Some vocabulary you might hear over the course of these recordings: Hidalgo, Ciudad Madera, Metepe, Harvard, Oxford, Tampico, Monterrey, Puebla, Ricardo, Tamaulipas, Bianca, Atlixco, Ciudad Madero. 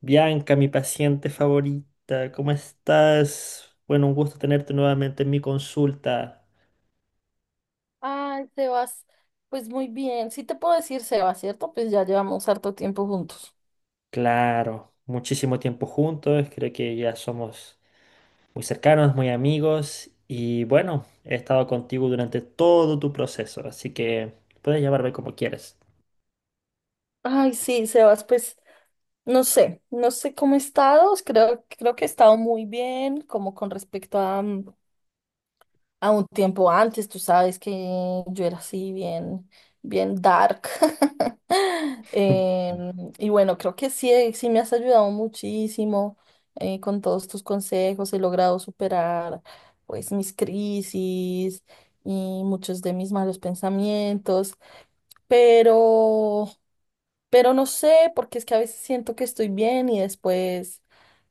Bianca, mi paciente favorita, ¿cómo estás? Bueno, un gusto tenerte nuevamente en mi consulta. Ay, Sebas, pues muy bien. Sí te puedo decir Sebas, ¿cierto? Pues ya llevamos harto tiempo juntos. Claro, muchísimo tiempo juntos, creo que ya somos muy cercanos, muy amigos y bueno, he estado contigo durante todo tu proceso, así que puedes llamarme como quieres. Ay, sí, Sebas, pues no sé, no sé cómo he estado. Creo que he estado muy bien, como con respecto a, a un tiempo antes. Tú sabes que yo era así bien, bien dark. Y bueno, creo que sí, sí me has ayudado muchísimo con todos tus consejos. He logrado superar pues mis crisis y muchos de mis malos pensamientos, pero, pero no sé, porque es que a veces siento que estoy bien y después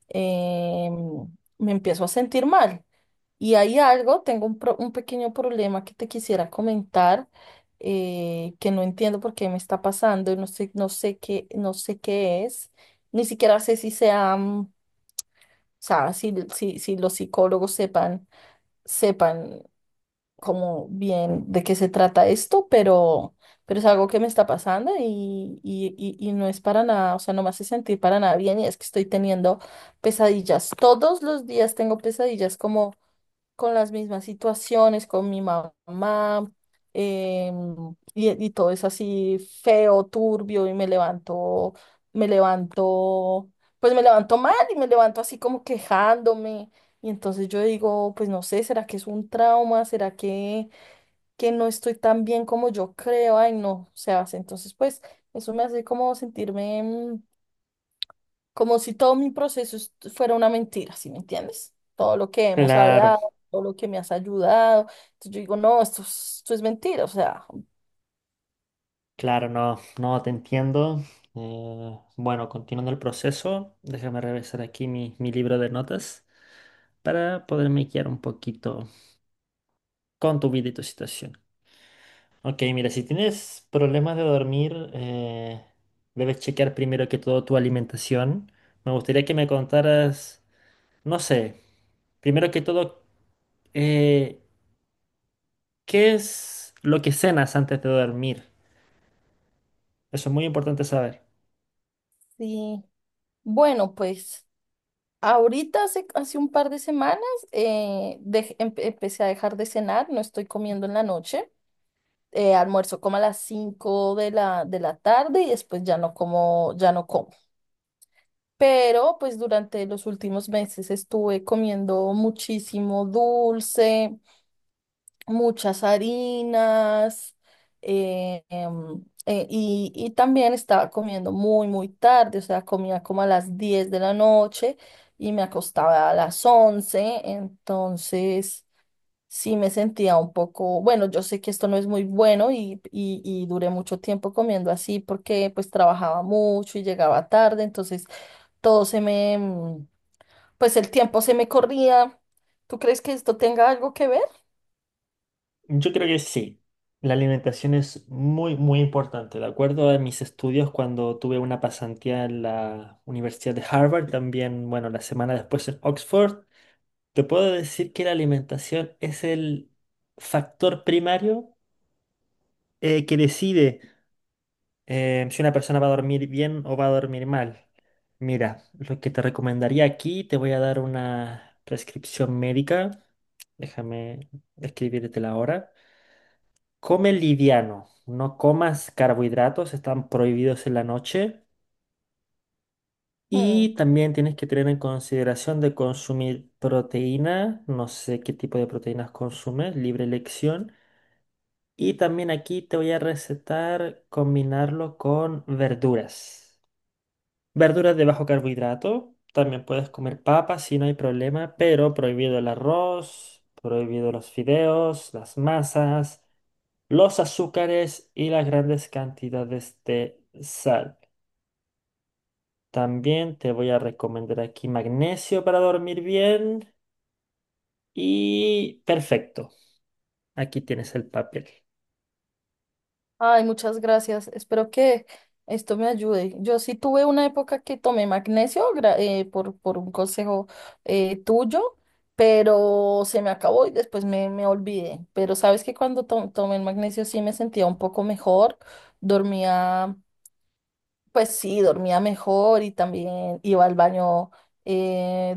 em, me empiezo a sentir mal. Y hay algo, tengo un pequeño problema que te quisiera comentar, que no entiendo por qué me está pasando, y no sé, no sé qué es, ni siquiera sé si sea, o sea, si los psicólogos sepan, sepan como bien de qué se trata esto, pero es algo que me está pasando y no es para nada, o sea, no me hace sentir para nada bien, y es que estoy teniendo pesadillas. Todos los días tengo pesadillas como con las mismas situaciones, con mi mamá, em, y todo es así feo, turbio, y me levanto, pues me levanto mal y me levanto así como quejándome. Y entonces yo digo, pues no sé, ¿será que es un trauma? ¿Será que no estoy tan bien como yo creo? Ay, no, o sea, entonces pues eso me hace como sentirme como si todo mi proceso fuera una mentira, ¿sí me entiendes? Todo lo que hemos Claro, hablado, todo lo que me has ayudado. Entonces yo digo, no, esto es mentira, o sea, claro, no, no te entiendo. Bueno, continuando el proceso, déjame revisar aquí mi libro de notas para poderme guiar un poquito con tu vida y tu situación. Ok, mira, si tienes problemas de dormir, debes chequear primero que todo tu alimentación. Me gustaría que me contaras, no sé, primero que todo, eh, ¿qué es lo que cenas antes de dormir? Eso es muy importante saber. sí. Bueno, pues ahorita hace un par de semanas empecé a dejar de cenar, no estoy comiendo en la noche. Almuerzo como a las 5 de de la tarde y después ya no como, ya no como. Pero pues durante los últimos meses estuve comiendo muchísimo dulce, muchas harinas y también estaba comiendo muy, muy tarde, o sea, comía como a las 10 de la noche y me acostaba a las 11. Entonces sí me sentía un poco, bueno, yo sé que esto no es muy bueno y duré mucho tiempo comiendo así porque pues trabajaba mucho y llegaba tarde, entonces todo se me, pues el tiempo se me corría. ¿Tú crees que esto tenga algo que ver? Yo creo que sí. La alimentación es muy, muy importante. De acuerdo a mis estudios, cuando tuve una pasantía en la Universidad de Harvard, también, bueno, la semana después en Oxford, te puedo decir que la alimentación es el factor primario que decide si una persona va a dormir bien o va a dormir mal. Mira, lo que te recomendaría aquí, te voy a dar una prescripción médica. Déjame escribirte la hora. Come liviano, no comas carbohidratos, están prohibidos en la noche. Y también tienes que tener en consideración de consumir proteína. No sé qué tipo de proteínas consumes, libre elección. Y también aquí te voy a recetar combinarlo con verduras. Verduras de bajo carbohidrato. También puedes comer papas si no hay problema, pero prohibido el arroz, prohibido los fideos, las masas, los azúcares y las grandes cantidades de sal. También te voy a recomendar aquí magnesio para dormir bien y perfecto. Aquí tienes el papel. Ay, muchas gracias. Espero que esto me ayude. Yo sí tuve una época que tomé magnesio por un consejo tuyo, pero se me acabó y después me olvidé. Pero sabes que cuando tomé el magnesio sí me sentía un poco mejor, dormía, pues sí, dormía mejor y también iba al baño, eh,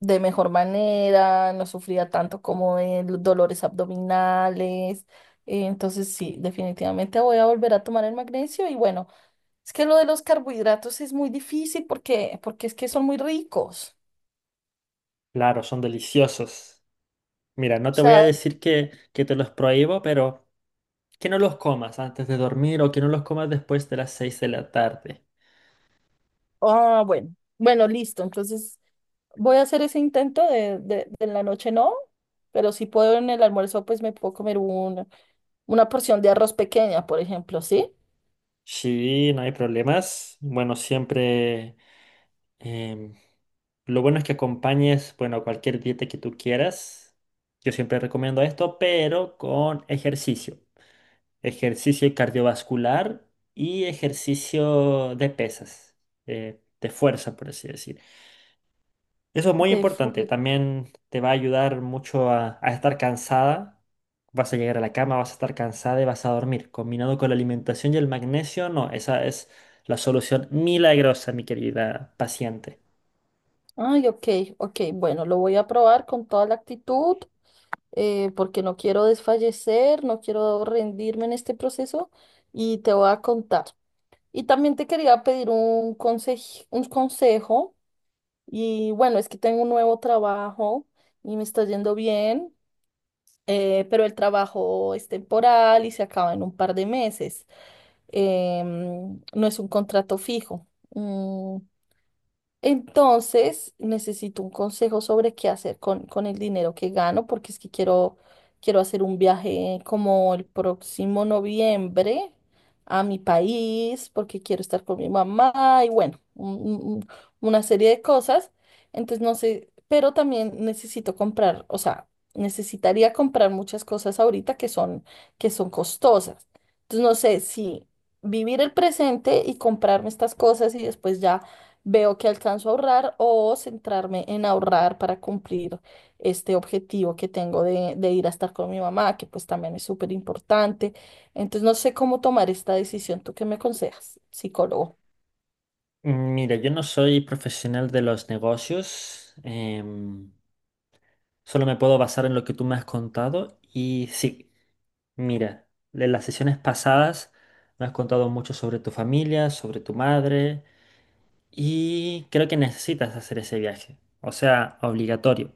de mejor manera, no sufría tanto como de los dolores abdominales. Entonces sí, definitivamente voy a volver a tomar el magnesio y bueno, es que lo de los carbohidratos es muy difícil porque es que son muy ricos. Claro, son deliciosos. Mira, no O te voy a sea, decir que te los prohíbo, pero que no los comas antes de dormir o que no los comas después de las 6 de la tarde. ah, bueno, bueno, listo. Entonces voy a hacer ese intento de en la noche, no, pero si puedo en el almuerzo, pues me puedo comer un, una porción de arroz pequeña, por ejemplo, ¿sí? Sí, no hay problemas. Bueno, siempre em, lo bueno es que acompañes, bueno, cualquier dieta que tú quieras. Yo siempre recomiendo esto, pero con ejercicio. Ejercicio cardiovascular y ejercicio de pesas, de fuerza, por así decir. Eso es muy De importante. full. También te va a ayudar mucho a estar cansada. Vas a llegar a la cama, vas a estar cansada y vas a dormir. Combinado con la alimentación y el magnesio, no, esa es la solución milagrosa, mi querida paciente. Ay, ok, ok. Bueno, lo voy a probar con toda la actitud, porque no quiero desfallecer, no quiero rendirme en este proceso y te voy a contar. Y también te quería pedir un consejo, un consejo. Y bueno, es que tengo un nuevo trabajo y me está yendo bien, pero el trabajo es temporal y se acaba en un par de meses. No es un contrato fijo. Mm, entonces, necesito un consejo sobre qué hacer con el dinero que gano, porque es que quiero, quiero hacer un viaje como el próximo noviembre a mi país, porque quiero estar con mi mamá y bueno, una serie de cosas. Entonces, no sé, pero también necesito comprar, o sea, necesitaría comprar muchas cosas ahorita que son costosas. Entonces, no sé si vivir el presente y comprarme estas cosas y después ya veo que alcanzo a ahorrar o centrarme en ahorrar para cumplir este objetivo que tengo de ir a estar con mi mamá, que pues también es súper importante. Entonces no sé cómo tomar esta decisión. ¿Tú qué me aconsejas, psicólogo? Mira, yo no soy profesional de los negocios. Solo me puedo basar en lo que tú me has contado. Y sí, mira, en las sesiones pasadas me has contado mucho sobre tu familia, sobre tu madre. Y creo que necesitas hacer ese viaje, o sea, obligatorio.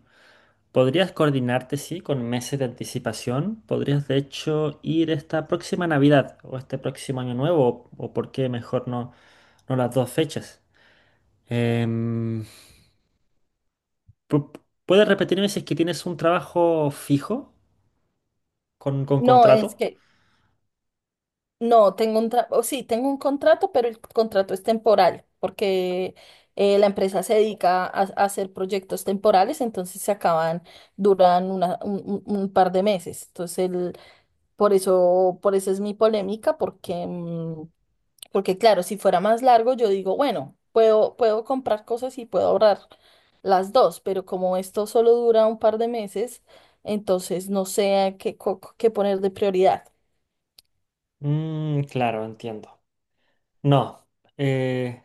Podrías coordinarte, sí, con meses de anticipación. Podrías, de hecho, ir esta próxima Navidad o este próximo Año Nuevo, o por qué mejor no, no las dos fechas. Em, pu- ¿Puedes repetirme si es que tienes un trabajo fijo con No, es contrato? que no, tengo un tra- o sí, tengo un contrato, pero el contrato es temporal, porque la empresa se dedica a hacer proyectos temporales, entonces se acaban, duran un par de meses. Entonces, por eso, por eso es mi polémica, porque, porque claro, si fuera más largo, yo digo, bueno, puedo, puedo comprar cosas y puedo ahorrar las dos, pero como esto solo dura un par de meses, entonces no sé a qué poner de prioridad. Mm, claro, entiendo. No, eh,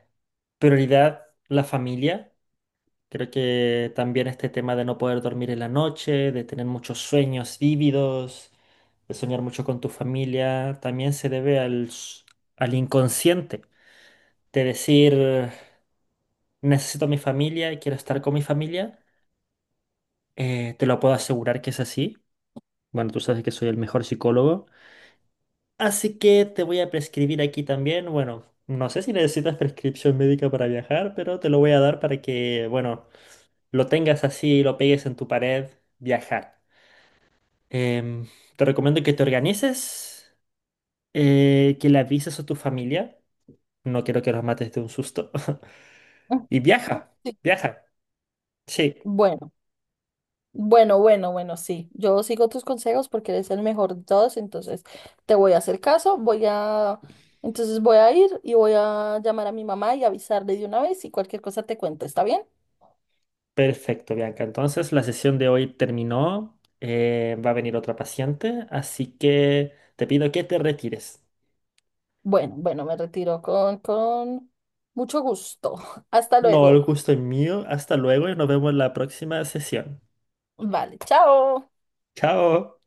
prioridad la familia. Creo que también este tema de no poder dormir en la noche, de tener muchos sueños vívidos, de soñar mucho con tu familia, también se debe al inconsciente. De decir, necesito a mi familia y quiero estar con mi familia. Te lo puedo asegurar que es así. Bueno, tú sabes que soy el mejor psicólogo. Así que te voy a prescribir aquí también. Bueno, no sé si necesitas prescripción médica para viajar, pero te lo voy a dar para que, bueno, lo tengas así y lo pegues en tu pared, viajar. Em, Te recomiendo que te organices, que le avises a tu familia. No quiero que los mates de un susto. Mm, Y viaja, sí. viaja. Sí, Bueno. Bueno, bueno, bueno, sí. Yo sigo tus consejos porque eres el mejor de todos, entonces te voy a hacer caso, entonces voy a ir y voy a llamar a mi mamá y avisarle de una vez y cualquier cosa te cuento, ¿está bien? perfecto, Bianca. Entonces, la sesión de hoy terminó. Va a venir otra paciente, así que te pido que te retires. Bueno, bueno, me retiro con mucho gusto. Hasta No, el luego. gusto es mío. Hasta luego y nos vemos en la próxima sesión. Vale, chao. Chao.